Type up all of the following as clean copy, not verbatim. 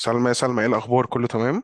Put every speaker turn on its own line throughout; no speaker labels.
سلمى يا سلمى، ايه الاخبار؟ كله تمام؟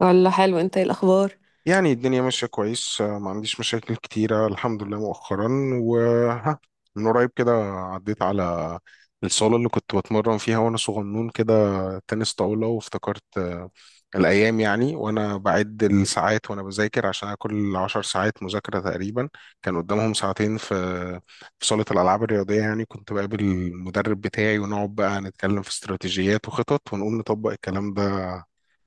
والله حلو، انت ايه الاخبار؟
يعني الدنيا ماشيه كويس، ما عنديش مشاكل كتيره الحمد لله مؤخرا. وها، من قريب كده عديت على الصاله اللي كنت بتمرن فيها وانا صغنون كده، تنس طاوله، وافتكرت الايام. يعني وانا بعد الساعات وانا بذاكر، عشان أنا كل 10 ساعات مذاكره تقريبا كان قدامهم ساعتين في صاله الالعاب الرياضيه. يعني كنت بقابل المدرب بتاعي ونقعد بقى نتكلم في استراتيجيات وخطط، ونقوم نطبق الكلام ده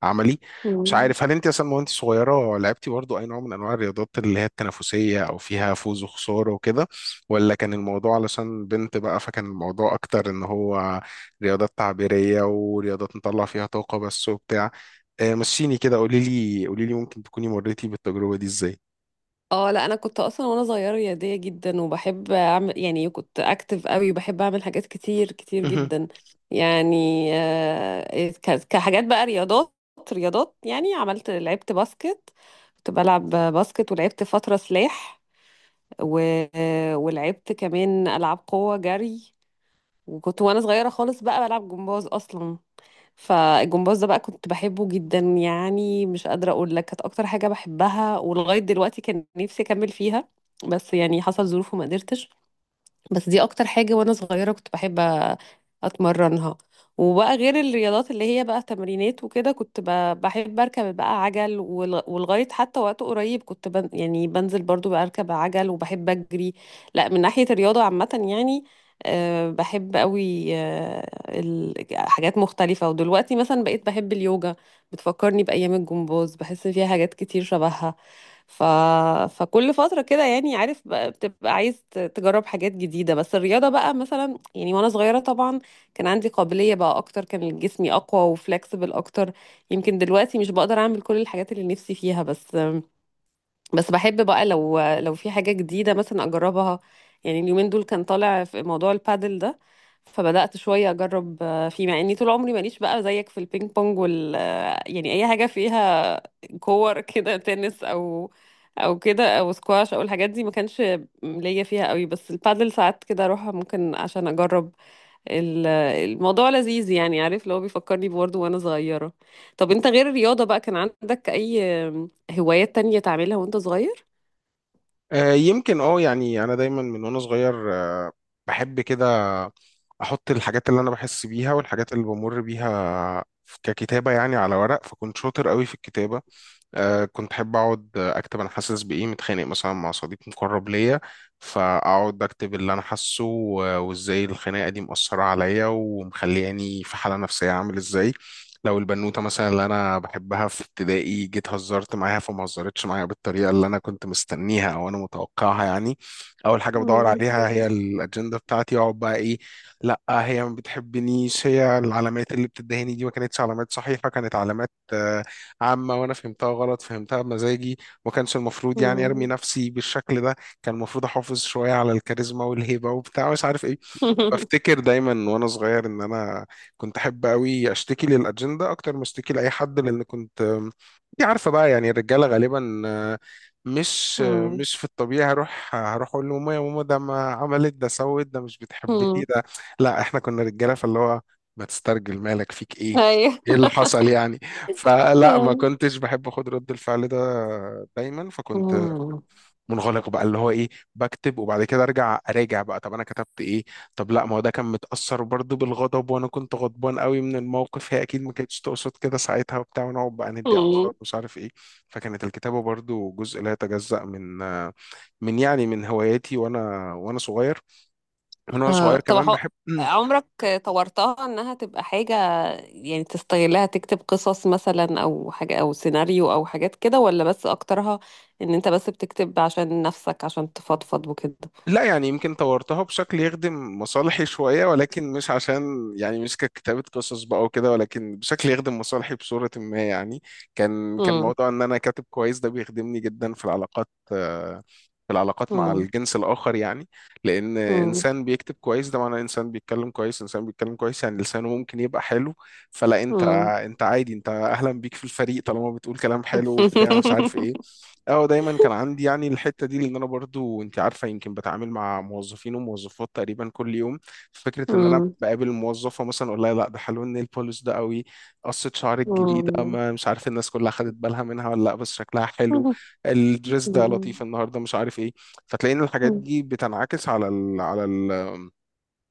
عملي. مش
مم.
عارف هل انت اصلا وانت صغيره لعبتي برضو اي نوع من انواع الرياضات اللي هي التنافسيه، او فيها فوز وخساره وكده، ولا كان الموضوع علشان بنت بقى، فكان الموضوع اكتر ان هو رياضات تعبيريه ورياضات نطلع فيها طاقه بس وبتاع. مشيني كده، قولي لي قولي لي، ممكن تكوني مريتي بالتجربه دي ازاي؟
اه، لا، انا كنت اصلا وانا صغيره رياضيه جدا وبحب اعمل، يعني كنت اكتف قوي وبحب اعمل حاجات كتير كتير جدا. يعني كحاجات بقى رياضات، يعني لعبت باسكت. كنت بلعب باسكت، ولعبت فتره سلاح، و... ولعبت كمان العاب قوه جري. وكنت وانا صغيره خالص بقى بلعب جمباز اصلا. فالجمباز ده بقى كنت بحبه جدا، يعني مش قادرة أقول لك، كانت أكتر حاجة بحبها، ولغاية دلوقتي كان نفسي أكمل فيها، بس يعني حصل ظروف وما قدرتش. بس دي اكتر حاجة وانا صغيرة كنت بحب اتمرنها. وبقى غير الرياضات اللي هي بقى تمرينات وكده، كنت بحب اركب بقى عجل، ولغاية حتى وقت قريب كنت بن يعني بنزل برضو بقى اركب عجل وبحب اجري. لا، من ناحية الرياضة عامة يعني بحب قوي حاجات مختلفة. ودلوقتي مثلا بقيت بحب اليوجا، بتفكرني بأيام الجمباز، بحس فيها حاجات كتير شبهها. ف... فكل فترة كده، يعني عارف بقى بتبقى عايز تجرب حاجات جديدة. بس الرياضة بقى مثلا، يعني وانا صغيرة طبعا كان عندي قابلية بقى اكتر، كان جسمي اقوى وفلكسبل اكتر. يمكن دلوقتي مش بقدر اعمل كل الحاجات اللي نفسي فيها، بس بحب بقى، لو في حاجة جديدة مثلا أجربها. يعني اليومين دول كان طالع في موضوع البادل ده، فبدأت شوية أجرب فيه، مع إني طول عمري ماليش بقى زيك في البينج بونج وال آه، يعني أي حاجة فيها كور كده، تنس أو كده أو سكواش أو الحاجات دي ما كانش ليا فيها قوي. بس البادل ساعات كده أروح ممكن عشان أجرب. الموضوع لذيذ، يعني عارف، لو بيفكرني برضه وانا صغيرة. طب انت غير الرياضة بقى، كان عندك اي هوايات تانية تعملها وانت صغير؟
يمكن يعني انا دايما من وانا صغير، بحب كده احط الحاجات اللي انا بحس بيها والحاجات اللي بمر بيها ككتابة يعني على ورق، فكنت شاطر قوي في الكتابة. كنت احب اقعد اكتب انا حاسس بايه، متخانق مثلا مع صديق مقرب ليا، فاقعد اكتب اللي انا حاسه وازاي الخناقه دي مؤثره عليا ومخلياني في حاله نفسيه عامل ازاي. لو البنوته مثلا اللي انا بحبها في ابتدائي جيت هزرت معاها فما هزرتش معايا بالطريقه اللي انا كنت مستنيها او انا متوقعها، يعني اول حاجه بدور
مم.
عليها هي الاجنده بتاعتي. اقعد بقى ايه، لا هي ما بتحبنيش، هي العلامات اللي بتدهني دي ما كانتش علامات صحيحه، كانت علامات عامة وأنا فهمتها غلط، فهمتها بمزاجي. ما كانش المفروض يعني أرمي
مم.
نفسي بالشكل ده، كان المفروض أحافظ شوية على الكاريزما والهيبة وبتاع مش عارف إيه. بفتكر دايما وانا صغير ان انا كنت احب قوي اشتكي للاجنده اكتر ما اشتكي لاي حد، لان كنت انت عارفه بقى يعني الرجاله غالبا، آه، مش آه،
مم.
مش في الطبيعي، هروح اقول لماما يا ماما، ده ما عملت ده، سوت ده، مش بتحبني
مم.
ده. لا، احنا كنا رجاله، فاللي هو ما تسترجل، مالك فيك ايه؟
ايوه.
ايه اللي حصل يعني؟ فلا، ما
مم.
كنتش بحب اخد رد الفعل ده، دايما فكنت
مم.
منغلق بقى اللي هو ايه، بكتب وبعد كده ارجع اراجع بقى طب انا كتبت ايه. طب لا، ما هو ده كان متأثر برضو بالغضب، وانا كنت غضبان قوي من الموقف، هي اكيد ما كانتش تقصد كده ساعتها وبتاع، ونقعد بقى ندي اعصاب مش عارف ايه. فكانت الكتابة برضو جزء لا يتجزأ من يعني من هواياتي وانا صغير. من وانا صغير
طب،
كمان بحب
عمرك طورتها انها تبقى حاجة، يعني تستغلها تكتب قصص مثلا او حاجة او سيناريو او حاجات كده؟ ولا بس اكترها ان انت بس بتكتب عشان نفسك، عشان تفضفض وكده؟
لا يعني يمكن طورتها بشكل يخدم مصالحي شوية، ولكن مش عشان يعني مش ككتابة قصص بقى وكده، ولكن بشكل يخدم مصالحي بصورة ما. يعني كان كان موضوع ان انا كاتب كويس ده بيخدمني جدا في العلاقات، في العلاقات مع
إمم،
الجنس الآخر يعني. لأن
إمم،
إنسان بيكتب كويس ده معناه إنسان بيتكلم كويس، إنسان بيتكلم كويس يعني لسانه ممكن يبقى حلو. فلا أنت،
إمم.
أنت عادي، أنت أهلا بيك في الفريق طالما بتقول كلام حلو وبتاع مش عارف إيه. اه دايما كان عندي يعني الحته دي، لان انا برضو انت عارفه يمكن بتعامل مع موظفين وموظفات تقريبا كل يوم. فكره ان انا
إمم،
بقابل موظفه مثلا اقول لها لا ده حلو، النيل بوليش ده قوي، قصه شعرك الجديده،
إمم،
ما مش عارف الناس كلها خدت بالها منها ولا لا بس شكلها حلو، الدريس ده لطيف
إمم،
النهارده مش عارف ايه. فتلاقي ان الحاجات
إمم،
دي بتنعكس على ال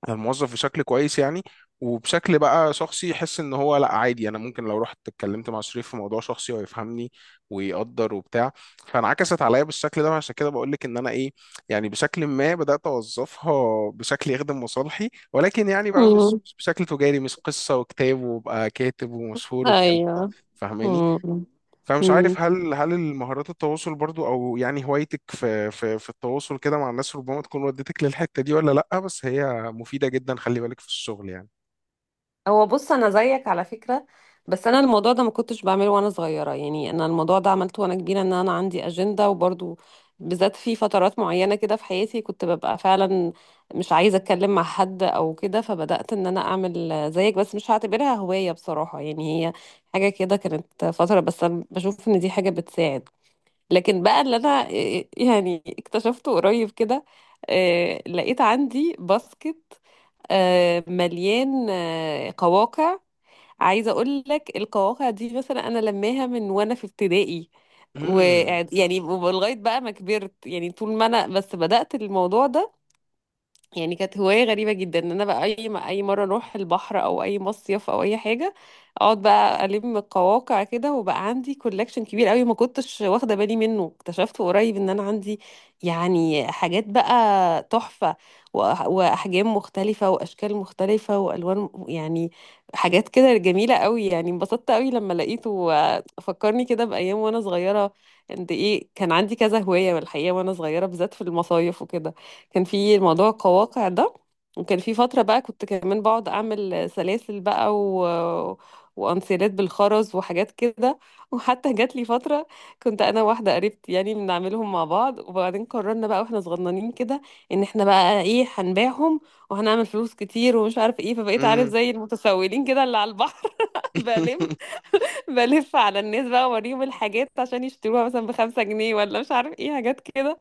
الموظف بشكل كويس يعني، وبشكل بقى شخصي يحس ان هو لا عادي، انا ممكن لو رحت اتكلمت مع شريف في موضوع شخصي هو يفهمني ويقدر وبتاع. فانعكست عليا بالشكل ده، عشان كده بقول لك ان انا ايه، يعني بشكل ما بدات اوظفها بشكل يخدم مصالحي، ولكن يعني بقى مش
إمم،
مش بشكل تجاري، مش قصه وكتاب وابقى كاتب ومشهور والكلام ده.
أيوه،
فاهماني؟
إمم،
فمش
إمم.
عارف هل المهارات التواصل برضو، او يعني هوايتك في التواصل كده مع الناس ربما تكون ودتك للحتة دي، ولا لأ، بس هي مفيدة جدا، خلي بالك في الشغل يعني.
هو بص، انا زيك على فكره، بس انا الموضوع ده ما كنتش بعمله وانا صغيره. يعني انا الموضوع ده عملته وانا كبيره، ان انا عندي اجنده، وبرضو بالذات في فترات معينه كده في حياتي كنت ببقى فعلا مش عايزه اتكلم مع حد او كده، فبدات ان انا اعمل زيك. بس مش هعتبرها هوايه بصراحه، يعني هي حاجه كده، كانت فتره، بس انا بشوف ان دي حاجه بتساعد. لكن بقى اللي انا يعني اكتشفته قريب كده، لقيت عندي باسكت مليان قواقع. عايزه اقول لك، القواقع دي مثلا انا لماها من وانا في ابتدائي،
مم.
ويعني لغايه بقى ما كبرت، يعني طول ما انا بس بدات الموضوع ده. يعني كانت هواية غريبة جدا ان انا بقى اي ما اي مرة اروح البحر او اي مصيف او اي حاجة، اقعد بقى الم القواقع كده، وبقى عندي كولكشن كبير قوي ما كنتش واخدة بالي منه. اكتشفت قريب ان انا عندي يعني حاجات بقى تحفة، واحجام مختلفة واشكال مختلفة والوان، يعني حاجات كده جميلة قوي. يعني انبسطت قوي لما لقيته، فكرني كده بايام وانا صغيرة قد ايه كان عندي كذا هواية. والحقيقة وانا صغيرة بالذات في المصايف وكده كان في موضوع القواقع ده، وكان في فترة بقى كنت كمان بقعد أعمل سلاسل بقى، و... وأنسيلات بالخرز وحاجات كده وحتى جات لي فترة كنت أنا واحدة قريبتي يعني بنعملهم مع بعض، وبعدين قررنا بقى واحنا صغننين كده إن احنا بقى إيه، هنبيعهم وهنعمل فلوس كتير ومش عارف إيه. فبقيت عارف
مم.
زي المتسولين كده اللي على البحر بلف بلف على الناس بقى، وأوريهم الحاجات عشان يشتروها مثلا ب5 جنيه ولا مش عارف إيه، حاجات كده.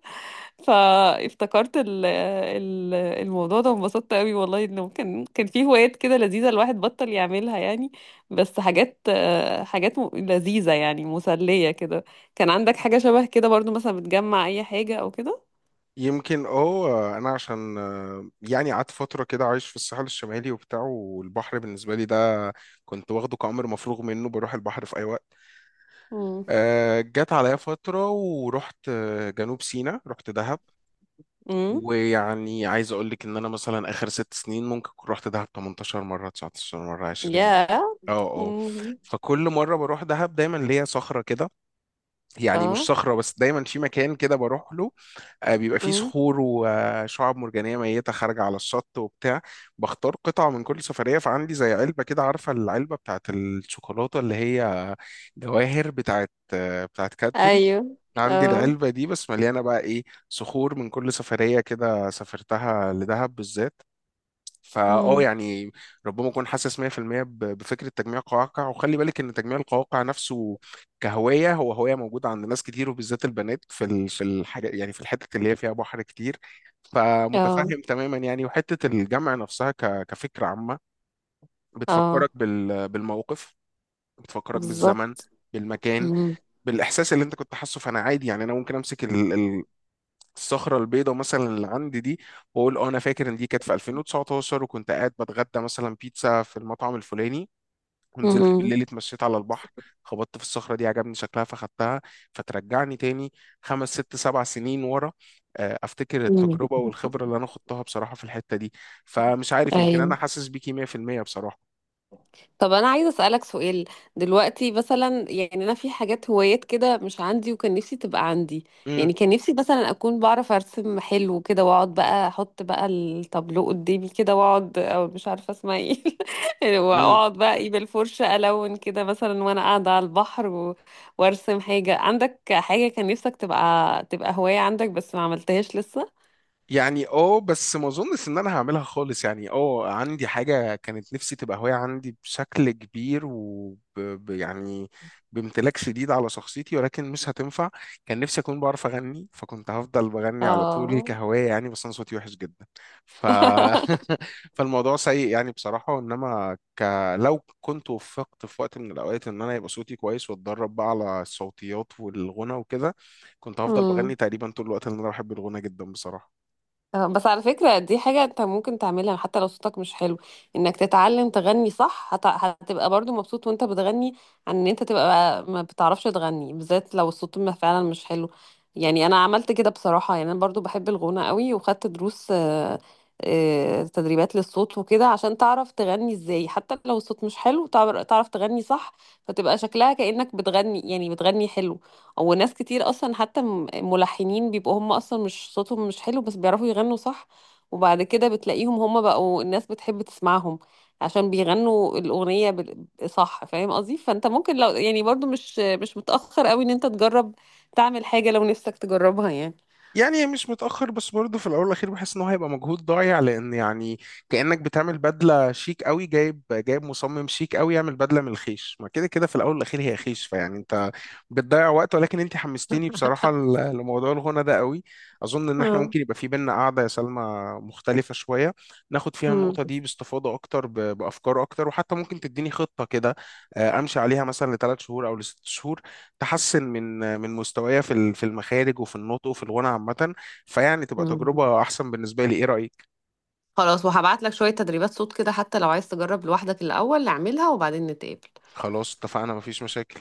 فافتكرت ال الموضوع ده، وانبسطت قوي والله. انه كان في هوايات كده لذيذة الواحد بطل يعملها يعني، بس حاجات حاجات لذيذة، يعني مسلية كده. كان عندك حاجة شبه كده برضو، مثلا بتجمع اي حاجة او كده؟
يمكن اه، انا عشان يعني قعدت فتره كده عايش في الساحل الشمالي وبتاع، والبحر بالنسبه لي ده كنت واخده كأمر مفروغ منه، بروح البحر في اي وقت.
امم.
جت عليا فتره ورحت جنوب سيناء، رحت دهب.
امم.
ويعني عايز اقول لك ان انا مثلا اخر 6 سنين ممكن كنت رحت دهب 18 مره، 19 مره، 20.
يا.
اه اه.
امم.
فكل مره بروح دهب دايما ليا صخره كده، يعني مش
اه.
صخره بس، دايما في مكان كده بروح له، بيبقى فيه
امم.
صخور وشعاب مرجانيه ميته خارجه على الشط وبتاع. بختار قطعه من كل سفريه، فعندي زي علبه كده، عارفه العلبه بتاعت الشوكولاته اللي هي جواهر بتاعت بتاعت كادبري.
ايوه.
عندي
اه.
العلبة دي بس مليانة بقى إيه، صخور من كل سفرية كده سافرتها لدهب بالذات. فأه
امم.
يعني ربما أكون حاسس 100% بفكرة تجميع القواقع، وخلي بالك إن تجميع القواقع نفسه كهواية هو هواية موجودة عند ناس كتير، وبالذات البنات في الحاجة يعني في الحتة اللي هي فيها بحر كتير.
اه.
فمتفهم تماما يعني، وحتة الجمع نفسها كفكرة عامة بتفكرك
اه.
بالموقف، بتفكرك بالزمن،
بالظبط.
بالمكان،
امم.
بالإحساس اللي أنت كنت حاسه. فأنا عادي يعني، أنا ممكن أمسك الصخرة البيضاء مثلا اللي عندي دي، واقول اه انا فاكر ان دي كانت في 2019، وكنت قاعد بتغدى مثلا بيتزا في المطعم الفلاني، ونزلت
امم.
بالليل اتمشيت على البحر، خبطت في الصخرة دي عجبني شكلها فخدتها. فترجعني تاني 5 6 7 سنين ورا، افتكر
أمم.
التجربة والخبرة اللي انا خضتها بصراحة في الحتة دي. فمش عارف، يمكن انا
ايوه.
حاسس بيكي 100% بصراحة.
طب انا عايزه اسالك سؤال. دلوقتي مثلا يعني انا في حاجات هوايات كده مش عندي وكان نفسي تبقى عندي. يعني كان نفسي مثلا اكون بعرف ارسم حلو كده، واقعد بقى احط بقى التابلو قدامي كده واقعد، او مش عارفه اسمها ايه
امم،
واقعد بقى ايه بالفرشه الون كده مثلا وانا قاعده على البحر و... وارسم حاجه. عندك حاجه كان نفسك تبقى هوايه عندك بس ما عملتهاش لسه؟
يعني اه، بس ما اظنش ان انا هعملها خالص. يعني اه عندي حاجة كانت نفسي تبقى هواية عندي بشكل كبير، و يعني بامتلاك شديد على شخصيتي، ولكن مش هتنفع. كان نفسي اكون بعرف اغني، فكنت هفضل بغني على طول
اه.
كهواية يعني، بس انا صوتي وحش جدا. ف فالموضوع سيء يعني بصراحة، انما لو كنت وفقت في وقت من الاوقات ان انا يبقى صوتي كويس واتدرب بقى على الصوتيات والغنى وكده، كنت هفضل بغني
مم.
تقريبا طول الوقت، لان انا بحب الغنى جدا بصراحة.
بس على فكرة دي حاجة انت ممكن تعملها حتى لو صوتك مش حلو، انك تتعلم تغني صح. هتبقى برضو مبسوط وانت بتغني، عن ان انت تبقى ما بتعرفش تغني، بالذات لو الصوت ما فعلا مش حلو. يعني انا عملت كده بصراحة، يعني انا برضو بحب الغنى قوي وخدت دروس، تدريبات للصوت وكده عشان تعرف تغني ازاي. حتى لو الصوت مش حلو، تعرف تغني صح، فتبقى شكلها كأنك بتغني، يعني بتغني حلو. وناس كتير اصلا، حتى ملحنين بيبقوا هم اصلا مش صوتهم مش حلو بس بيعرفوا يغنوا صح، وبعد كده بتلاقيهم هم بقوا الناس بتحب تسمعهم عشان بيغنوا الأغنية صح. فاهم قصدي؟ فانت ممكن، لو يعني برضو مش متأخر قوي، ان انت تجرب تعمل حاجة لو نفسك تجربها يعني.
يعني مش متأخر، بس برضه في الأول والأخير بحس إن هو هيبقى مجهود ضايع، لأن يعني كأنك بتعمل بدلة شيك قوي، جايب مصمم شيك قوي يعمل بدلة من الخيش، ما كده كده في الأول والأخير هي خيش. فيعني أنت بتضيع وقت. ولكن أنت حمستيني بصراحة لموضوع الغنى ده قوي. أظن إن إحنا
اه.
ممكن يبقى في بينا قعدة يا سلمى مختلفة شوية، ناخد فيها
مم.
النقطة دي باستفاضة أكتر بأفكار أكتر، وحتى ممكن تديني خطة كده أمشي عليها مثلا ل3 شهور أو ل6 شهور، تحسن من من مستوايا في المخارج وفي النطق وفي الغنى عامة. فيعني تبقى
مم.
تجربة أحسن بالنسبة لي، إيه رأيك؟
خلاص، وهبعت لك شوية تدريبات صوت كده، حتى لو عايز تجرب لوحدك الأول اعملها، وبعدين نتقابل.
خلاص اتفقنا، مفيش مشاكل.